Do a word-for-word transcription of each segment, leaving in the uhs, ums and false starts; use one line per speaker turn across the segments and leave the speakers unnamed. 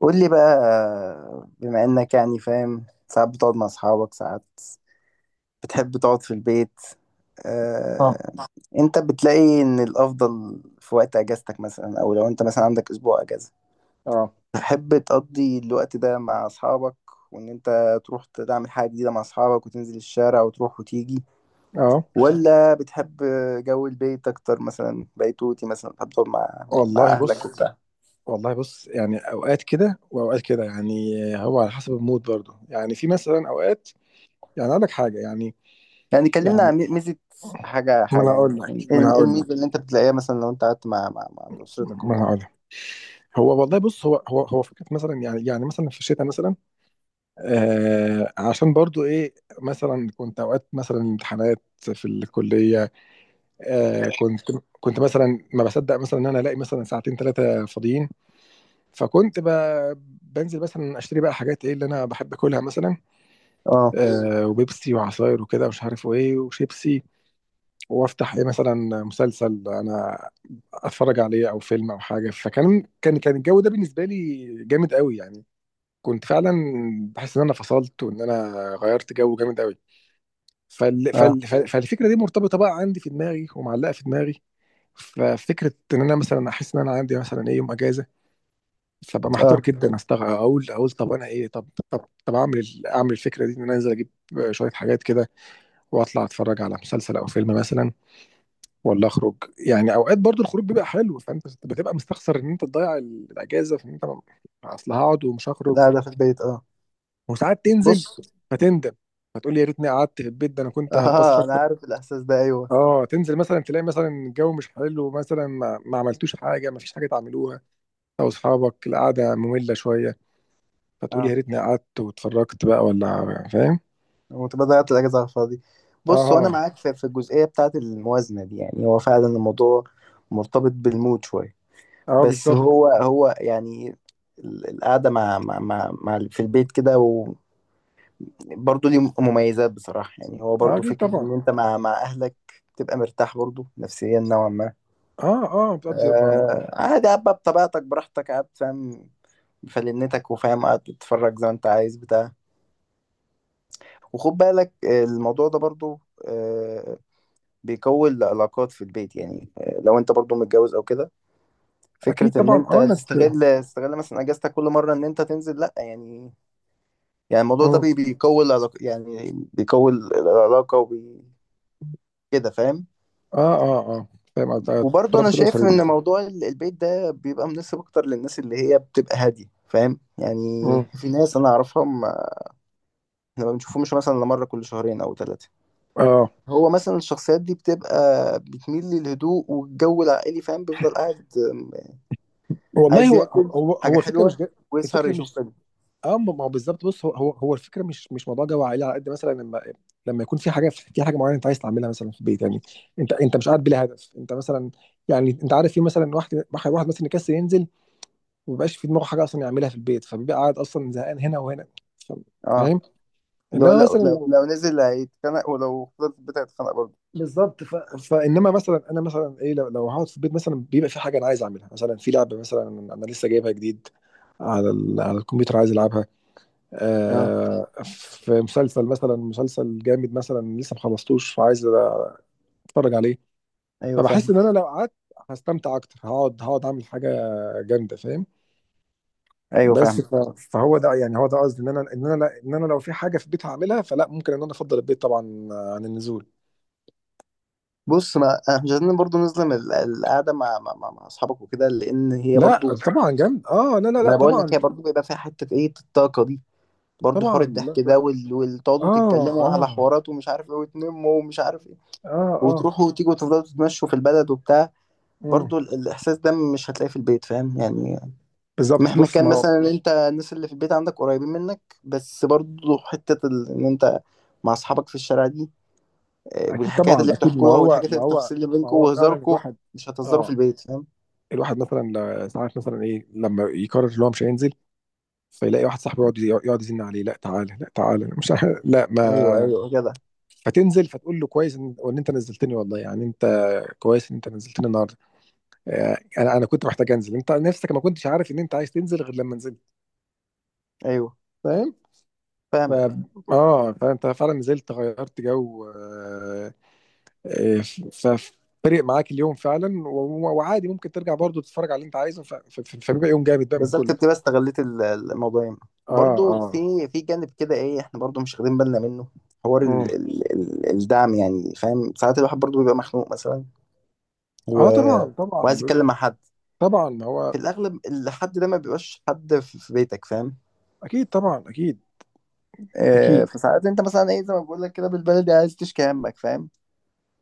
قول لي بقى. بما انك يعني فاهم، ساعات بتقعد مع اصحابك، ساعات بتحب تقعد في البيت.
اه،
آه، انت بتلاقي ان الافضل في وقت اجازتك مثلا، او لو انت مثلا عندك اسبوع اجازة
اه،
تحب تقضي الوقت ده مع اصحابك، وان انت تروح تعمل حاجة جديدة مع اصحابك وتنزل الشارع وتروح وتيجي،
اه.
ولا بتحب جو البيت اكتر؟ مثلا بيتوتي، مثلا بتحب تقعد مع مع
والله
اهلك
بص
وبتاع.
والله بص يعني اوقات كده واوقات كده يعني. هو على حسب المود برضه. يعني في مثلا اوقات يعني اقول لك حاجه يعني
يعني كلمنا
يعني.
عن ميزة، حاجة
ما انا
حاجة
هقول
يعني
لك
ايه
ما انا
إيه
هقول لك
الميزة اللي انت بتلاقيها مثلا لو انت قعدت مع مع, مع
ما
أسرتك
انا
وكده؟
هقول لك هو والله بص. هو هو هو فكره مثلا، يعني يعني مثلا في الشتاء مثلا. آه عشان برضه ايه. مثلا كنت اوقات مثلا امتحانات في الكليه. آه كنت، كنت مثلا ما بصدق مثلا ان انا الاقي مثلا ساعتين ثلاثه فاضيين. فكنت ب... بنزل مثلا اشتري بقى حاجات ايه اللي انا بحب اكلها مثلا.
اه،
آه وبيبسي وعصاير وكده ومش عارف وايه وشيبسي. وافتح ايه مثلا مسلسل انا اتفرج عليه او فيلم او حاجه. فكان كان كان الجو ده بالنسبه لي جامد قوي يعني. كنت فعلا بحس ان انا فصلت، وان انا غيرت جو جامد قوي. فال...
اه،
فال... فال... فالفكره دي مرتبطه بقى عندي في دماغي ومعلقه في دماغي. ففكره ان انا مثلا احس ان انا عندي مثلا ايه يوم اجازه. فبقى محتار
اه.
جدا. استغ اقول، اقول طب انا ايه. طب طب طب اعمل ال- اعمل الفكره دي. ان انا انزل اجيب شويه حاجات كده واطلع اتفرج على مسلسل او فيلم مثلا، ولا اخرج؟ يعني اوقات برضو الخروج بيبقى حلو، فانت بتبقى مستخسر ان انت تضيع ال- الاجازه في ان انت م- اصل هقعد ومش هخرج.
لا، ده في البيت اه.
وساعات تنزل
بص.
فتندم، فتقول يا ريتني قعدت في البيت، ده انا كنت هتبسط
اه، انا
اكتر.
عارف الإحساس ده، ايوه.
اه تنزل مثلا تلاقي مثلا الجو مش حلو، مثلا ما, ما عملتوش حاجه، ما فيش حاجه تعملوها. او اصحابك القعده ممله شويه، فتقول يا
اه،
ريتني قعدت واتفرجت بقى، ولا فاهم.
وتبقى ضيعت الأجازة على الفاضي. بص، وانا
اه،
معاك في, في الجزئية بتاعة الموازنة دي. يعني هو فعلا الموضوع مرتبط بالمود شوية.
اه،
بس
بالظبط.
هو هو يعني ال- القعدة مع مع مع, مع في البيت كده، برضه ليه مميزات بصراحة. يعني هو
اه
برضه
اكيد
فكرة
طبعا.
إن أنت مع مع أهلك تبقى مرتاح برضه نفسيا نوعا ما.
اه، اه، بتقضي بقى مع-
آه، عادي قاعد بقى بطبيعتك براحتك، قاعد فاهم، بفلنتك وفاهم، قاعد تتفرج زي ما أنت عايز بتاع. وخد بالك، آه، الموضوع ده برضه آه بيكون العلاقات في البيت، يعني آه لو أنت برضه متجوز أو كده،
اكيد
فكرة إن
طبعا.
أنت
اه انك.
تستغل تستغل مثلا أجازتك كل مرة إن أنت تنزل، لأ يعني. يعني الموضوع ده
اه،
بي- بيقوي العلاقة، يعني بيقوي العلاقة وبي، كده فاهم.
اه، اه، اه، فاهم قصدك.
وبرضه انا
رابط
شايف
الاسري
ان
مثلا.
موضوع ال- البيت ده بيبقى مناسب اكتر للناس اللي هي بتبقى هاديه، فاهم يعني؟
مم.
في ناس انا اعرفها، ما احنا ما بنشوفهمش مثلا الا مره كل شهرين او ثلاثه.
اه، آه.
هو مثلا الشخصيات دي بتبقى بتميل للهدوء والجو العائلي، فاهم، بيفضل قاعد، أم،
والله
عايز
هو
ياكل
هو
حاجه
هو الفكره مش
حلوه
جا...
ويسهر
الفكره
يشوف
مش
فيلم.
اه. ما ما هو بالظبط. بص، هو هو هو الفكره مش مش موضوع جو عائلي، على قد مثلا لما، لما يكون في حاجه، في حاجه معينه انت عايز تعملها مثلا في البيت يعني. انت انت مش قاعد بلا هدف. انت مثلا، يعني انت عارف، في مثلا واحد واحد واحد مثلا يكسل ينزل، مبيبقاش في دماغه حاجه اصلا يعملها في البيت، فبيبقى قاعد اصلا زهقان هنا وهنا. ف-
اه،
فاهم.
لو
انما
لو
مثلا
لو,
لو،
لو نزل هيتخنق، ولو فضل في البيت هيتخنق برضه.
بالظبط. ف... فانما مثلا انا مثلا ايه، لو, لو هقعد في البيت مثلا، بيبقى في حاجه انا عايز اعملها. مثلا في لعبه مثلا انا لسه جايبها جديد على ال... على الكمبيوتر عايز العبها.
اه،
آه، في مسلسل مثلا، مسلسل جامد مثلا لسه ما خلصتوش فعايز اتفرج عليه.
ايوه
فبحس
فاهم.
ان انا لو قعدت هستمتع اكتر. هقعد هقعد اعمل حاجه جامده، فاهم.
ايوه
بس
فاهم.
ف- فهو ده يعني، هو ده قصدي. ان انا، ان انا لا- ان انا لو في حاجه في البيت هعملها، فلا، ممكن ان انا افضل البيت طبعا عن النزول.
بص، ما آه، مش عايزين برضه نظلم ال- القعده مع مع مع مع اصحابك وكده، لان هي
لا
برضه.
طبعا جامد. اه، لا، لا،
ما
لا،
انا بقول لك
طبعا.
هي برضو بيبقى فيها حته ايه، الطاقه دي، برضو حوار
طبعا. لا،
الضحك
لا.
ده وال... وتقعدوا
اه،
تتكلموا على
اه،
حوارات ومش عارف ايه، وتنموا ومش عارف ايه،
اه، اه.
وتروحوا وتيجوا وتفضلوا تتمشوا في البلد وبتاع.
مم.
برضو ال- الاحساس ده مش هتلاقيه في البيت، فاهم يعني؟
بالظبط.
مهما
بص،
كان
ما هو
مثلا انت الناس اللي في البيت عندك قريبين منك، بس برضو حته ال... ان انت مع اصحابك في الشارع دي، آه،
اكيد
والحكايات اللي
طبعا، اكيد. ما
بتحكوها
هو،
والحاجات
ما
اللي،
هو
التفاصيل اللي
ما
بينكم
هو فعلا
وهزاركم،
الواحد.
مش هتهزروا في
اه،
البيت، فاهم.
الواحد مثلا، ل- ساعات مثلا ايه لما يقرر ان هو مش هينزل، فيلاقي واحد صاحبه يقعد يقعد يزن عليه، لا تعالى، لا تعالى، مش عارف- لا
ايوه،
ما.
ايوه كده.
فتنزل فتقول له كويس ان، وإن انت نزلتني والله، يعني انت كويس ان انت نزلتني النهارده. آه، انا، انا كنت محتاج انزل، انت نفسك ما كنتش عارف ان انت عايز تنزل غير لما نزلت.
ايوه
فاهم. ف...
فاهمك.
اه فانت فعلا نزلت غيرت جو. آه، آه، ف ف- فرق معاك اليوم فعلا. و- و- وعادي ممكن ترجع برضو تتفرج على اللي انت عايزه. ف- ف- ف- فبيبقى يوم جامد بقى من
بالظبط،
كله.
بتبقى استغليت ال- الموضوعين.
اه،
وبرضه
اه،
في في جانب كده ايه، احنا برضه مش واخدين بالنا منه، حوار
اه،
ال ال ال الدعم يعني، فاهم؟ ساعات الواحد برضه بيبقى مخنوق مثلا، و...
اه طبعا
وعايز
طبعا.
يتكلم مع حد.
طبعا هو
في الاغلب الحد ده ما بيبقاش حد في في بيتك، فاهم.
اكيد طبعا، اكيد،
آه
اكيد.
فساعات انت مثلا ايه، زي ما بقول لك كده بالبلدي، عايز تشكي همك فاهم.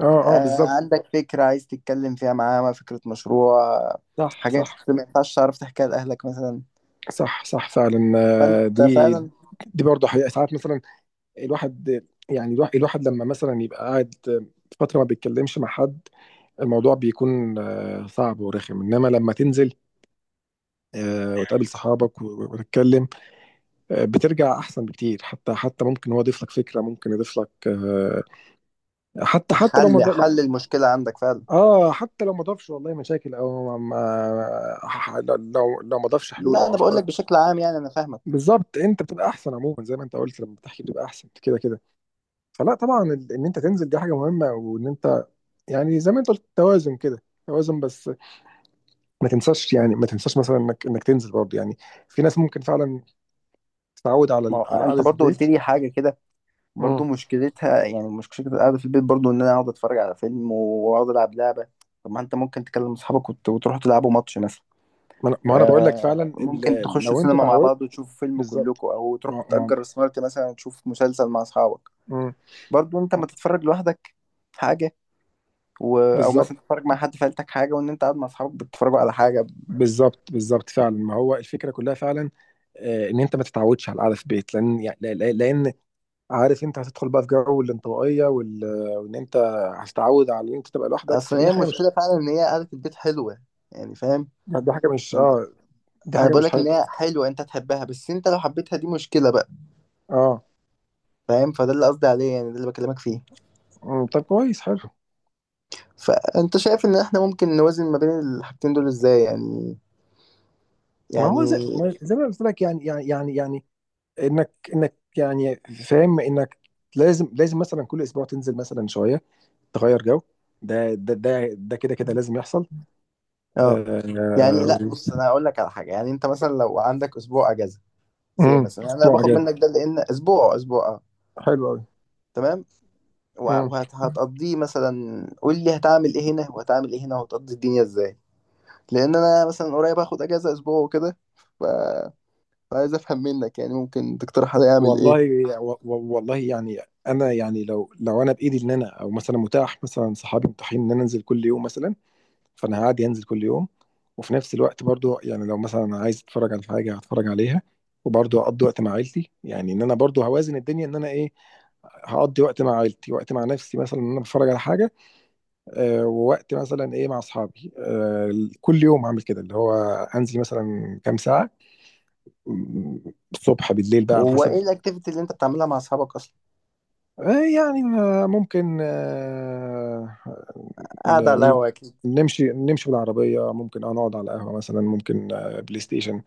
اه، اه،
آه
بالظبط.
عندك فكره عايز تتكلم فيها معاه، فكره مشروع،
صح،
حاجات
صح،
ما ينفعش تعرف تحكيها لاهلك مثلا.
صح، صح فعلا. آه،
فانت
دي،
فعلا،
دي برضه حقيقة ساعات مثلا الواحد. يعني الواحد, الواحد لما مثلا يبقى قاعد فترة ما بيتكلمش مع حد، الموضوع بيكون آه صعب ورخم. انما لما تنزل آه وتقابل صحابك و- وتتكلم، آه بترجع احسن بكتير. حتى، حتى ممكن هو يضيف لك فكرة، ممكن يضيف لك آه، حتى، حتى لو ما
حل
ض-
حل المشكله عندك فعلا.
اه حتى لو ما ضافش والله مشاكل او ما ما- لو، لو ما ضافش حلول
لا،
او
انا بقول لك
افكار،
بشكل عام، يعني انا فاهمك.
بالظبط انت بتبقى احسن عموما. زي ما انت قلت، لما بتحكي بتبقى احسن كده كده. فلا طبعا ال- ان انت تنزل دي حاجه مهمه، وان انت يعني زي ما انت قلت توازن كده، توازن. بس ما تنساش يعني، ما تنساش مثلا انك، انك تنزل برضه يعني. في ناس ممكن فعلا تتعود على
ما
ال-
هو
على
انت
قعده
برضو قلت
البيت.
لي حاجه كده،
امم
برضو مشكلتها يعني مشكله القعده في البيت، برضو ان انا اقعد اتفرج على فيلم، واقعد العب لعبه. طب ما انت ممكن تكلم اصحابك وت- وتروحوا تلعبوا ماتش مثلا.
ما انا، ما أنا بقول لك فعلا
آه ممكن
ال-
تخشوا
لو انت
السينما مع
اتعودت
بعض وتشوفوا فيلم
بالظبط.
كلكم، او
ما
تروحوا
ما.
تأجر سمارت مثلا تشوف مسلسل مع اصحابك.
مم.
برضو انت ما تتفرج لوحدك حاجه، و... او
بالظبط،
مثلا تتفرج مع حد في عيلتك حاجه، وان انت قاعد مع اصحابك بتتفرجوا على حاجه.
بالظبط، بالظبط فعلا. ما هو الفكره كلها فعلا آه، ان انت ما تتعودش على القعده في البيت، لان يعني، لان عارف انت هتدخل بقى في جو الانطوائيه وال... وان انت هتتعود على ان انت تبقى لوحدك.
اصل
فدي
هي
حاجه مش،
المشكله فعلا ان هي قعده البيت حلوه، يعني فاهم.
دي حاجه مش اه، دي
انا
حاجه
بقول
مش
لك
حلوه.
ان هي حلوه انت تحبها، بس انت لو حبيتها دي مشكله بقى،
اه.
فاهم. فده اللي قصدي عليه، يعني ده اللي بكلمك فيه.
أمم، طب كويس، حلو.
فانت شايف ان احنا ممكن نوازن ما بين الحاجتين دول ازاي يعني؟
ما هو زي
يعني
ما، زي ما قلت لك يعني، يعني يعني يعني انك، انك يعني فاهم، انك لازم، لازم مثلا كل اسبوع تنزل مثلا شويه، تغير جو. ده ده ده ده كده، كده لازم يحصل.
اه
آه.
يعني، لا بص، انا هقول لك على حاجه. يعني انت مثلا لو عندك اسبوع اجازه سي
أمم،
مثلا، يعني انا
اسبوع
باخد
اجازه.
منك ده، لان اسبوع اسبوع اه
حلو
تمام.
قوي.
وهتقضيه مثلا، قول لي هتعمل ايه هنا وهتعمل ايه هنا، وهتقضي الدنيا ازاي. لان انا مثلا قريب هاخد اجازه اسبوع وكده، ف... فعايز افهم منك. يعني ممكن تقترح عليا اعمل ايه.
والله، و- و- والله يعني. انا يعني لو، لو انا بايدي ان انا، او مثلا متاح مثلا صحابي متاحين ان انا انزل كل يوم مثلا، فانا هعدي انزل كل يوم. وفي نفس الوقت برضو يعني لو مثلا عايز اتفرج على حاجه هتفرج عليها. وبرضو اقضي وقت مع عيلتي، يعني ان انا برضو هوازن الدنيا. ان انا ايه، هقضي وقت مع عيلتي، وقت مع نفسي مثلا ان انا بتفرج على حاجه، آه ووقت مثلا ايه مع اصحابي. آه كل يوم هعمل كده، اللي هو انزل مثلا كام ساعه، م- الصبح بالليل بقى على
وهو ايه
حسب.
الاكتيفيتي اللي انت بتعملها مع اصحابك اصلا؟
آه، يعني آه، ممكن آه،
قاعد على
ن- ن-
القهوه اكيد؟
نمشي، نمشي بالعربية، ممكن اه نقعد على القهوة مثلا، ممكن آه بلاي ستيشن،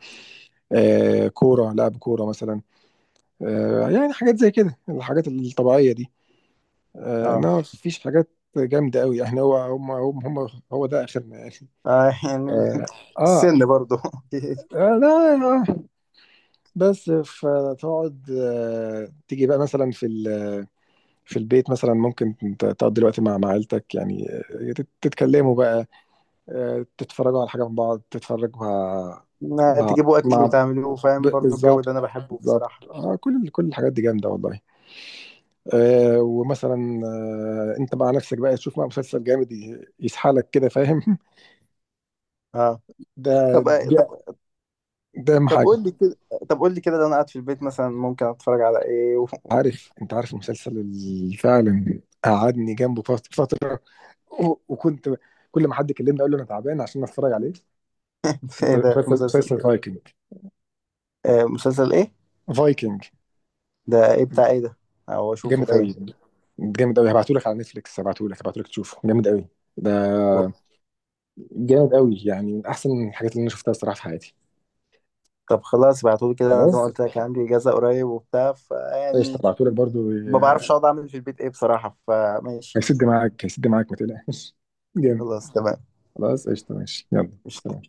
آه كورة، لعب كورة مثلا. آه يعني حاجات زي كده، الحاجات الطبيعية دي. آه
اه.
انما مفيش حاجات جامدة قوي يعني. هو هم هم هم هو ده اخرنا يعني.
آه، يعني
اه، آه،
السن برضو.
آه، لا، آه. بس فتقعد آه، تيجي بقى مثلا في، في البيت مثلا. ممكن ت- تقضي الوقت مع، مع عيلتك يعني. آه، تت- تتكلموا بقى، آه تتفرجوا على حاجة من بعض، تتفرجوا مع،
ما
مع،
تجيبوا اكل
مع-
وتعملوه، فاهم،
ب-
برضو الجو ده
بالظبط،
انا بحبه
بالظبط.
بصراحه.
آه كل، كل الحاجات دي جامدة والله. آه ومثلا آه انت مع نفسك بقى تشوف مع مسلسل جامد ي- يسحلك كده، فاهم.
اه.
ده،
طب
ده،
طب
ده اهم
طب
حاجه.
قول لي كده طب قول لي كده. ده انا قاعد في البيت مثلا، ممكن اتفرج على ايه و...
عارف، انت عارف المسلسل اللي فعلا قعدني جنبه فت- فتره. و- وكنت كل ما حد يكلمني اقول له انا تعبان عشان اتفرج عليه.
ايه ده،
مسلسل،
مسلسل
مسلسل
ايه؟
فايكنج.
آه، مسلسل ايه؟
فايكنج.
ده ايه، بتاع ايه ده، او اشوفه
جامد
فين؟
قوي، جامد قوي. هبعتهولك على نتفليكس، هبعتهولك هبعتهولك تشوفه جامد قوي. ده جامد قوي يعني. من احسن الحاجات اللي انا شفتها الصراحه في حياتي.
طب خلاص ابعتولي كده، انا زي ما
خلاص
قلت لك عندي اجازه قريب وبتاع،
قشطه،
فيعني
هبعتهولك برضو.
ما بعرفش اقعد اعمل في البيت ايه بصراحه، فماشي يعني.
هيسد معاك هيسد معاك ما تقلقش. جامد.
خلاص، تمام.
خلاص قشطه، ماشي، يلا سلام.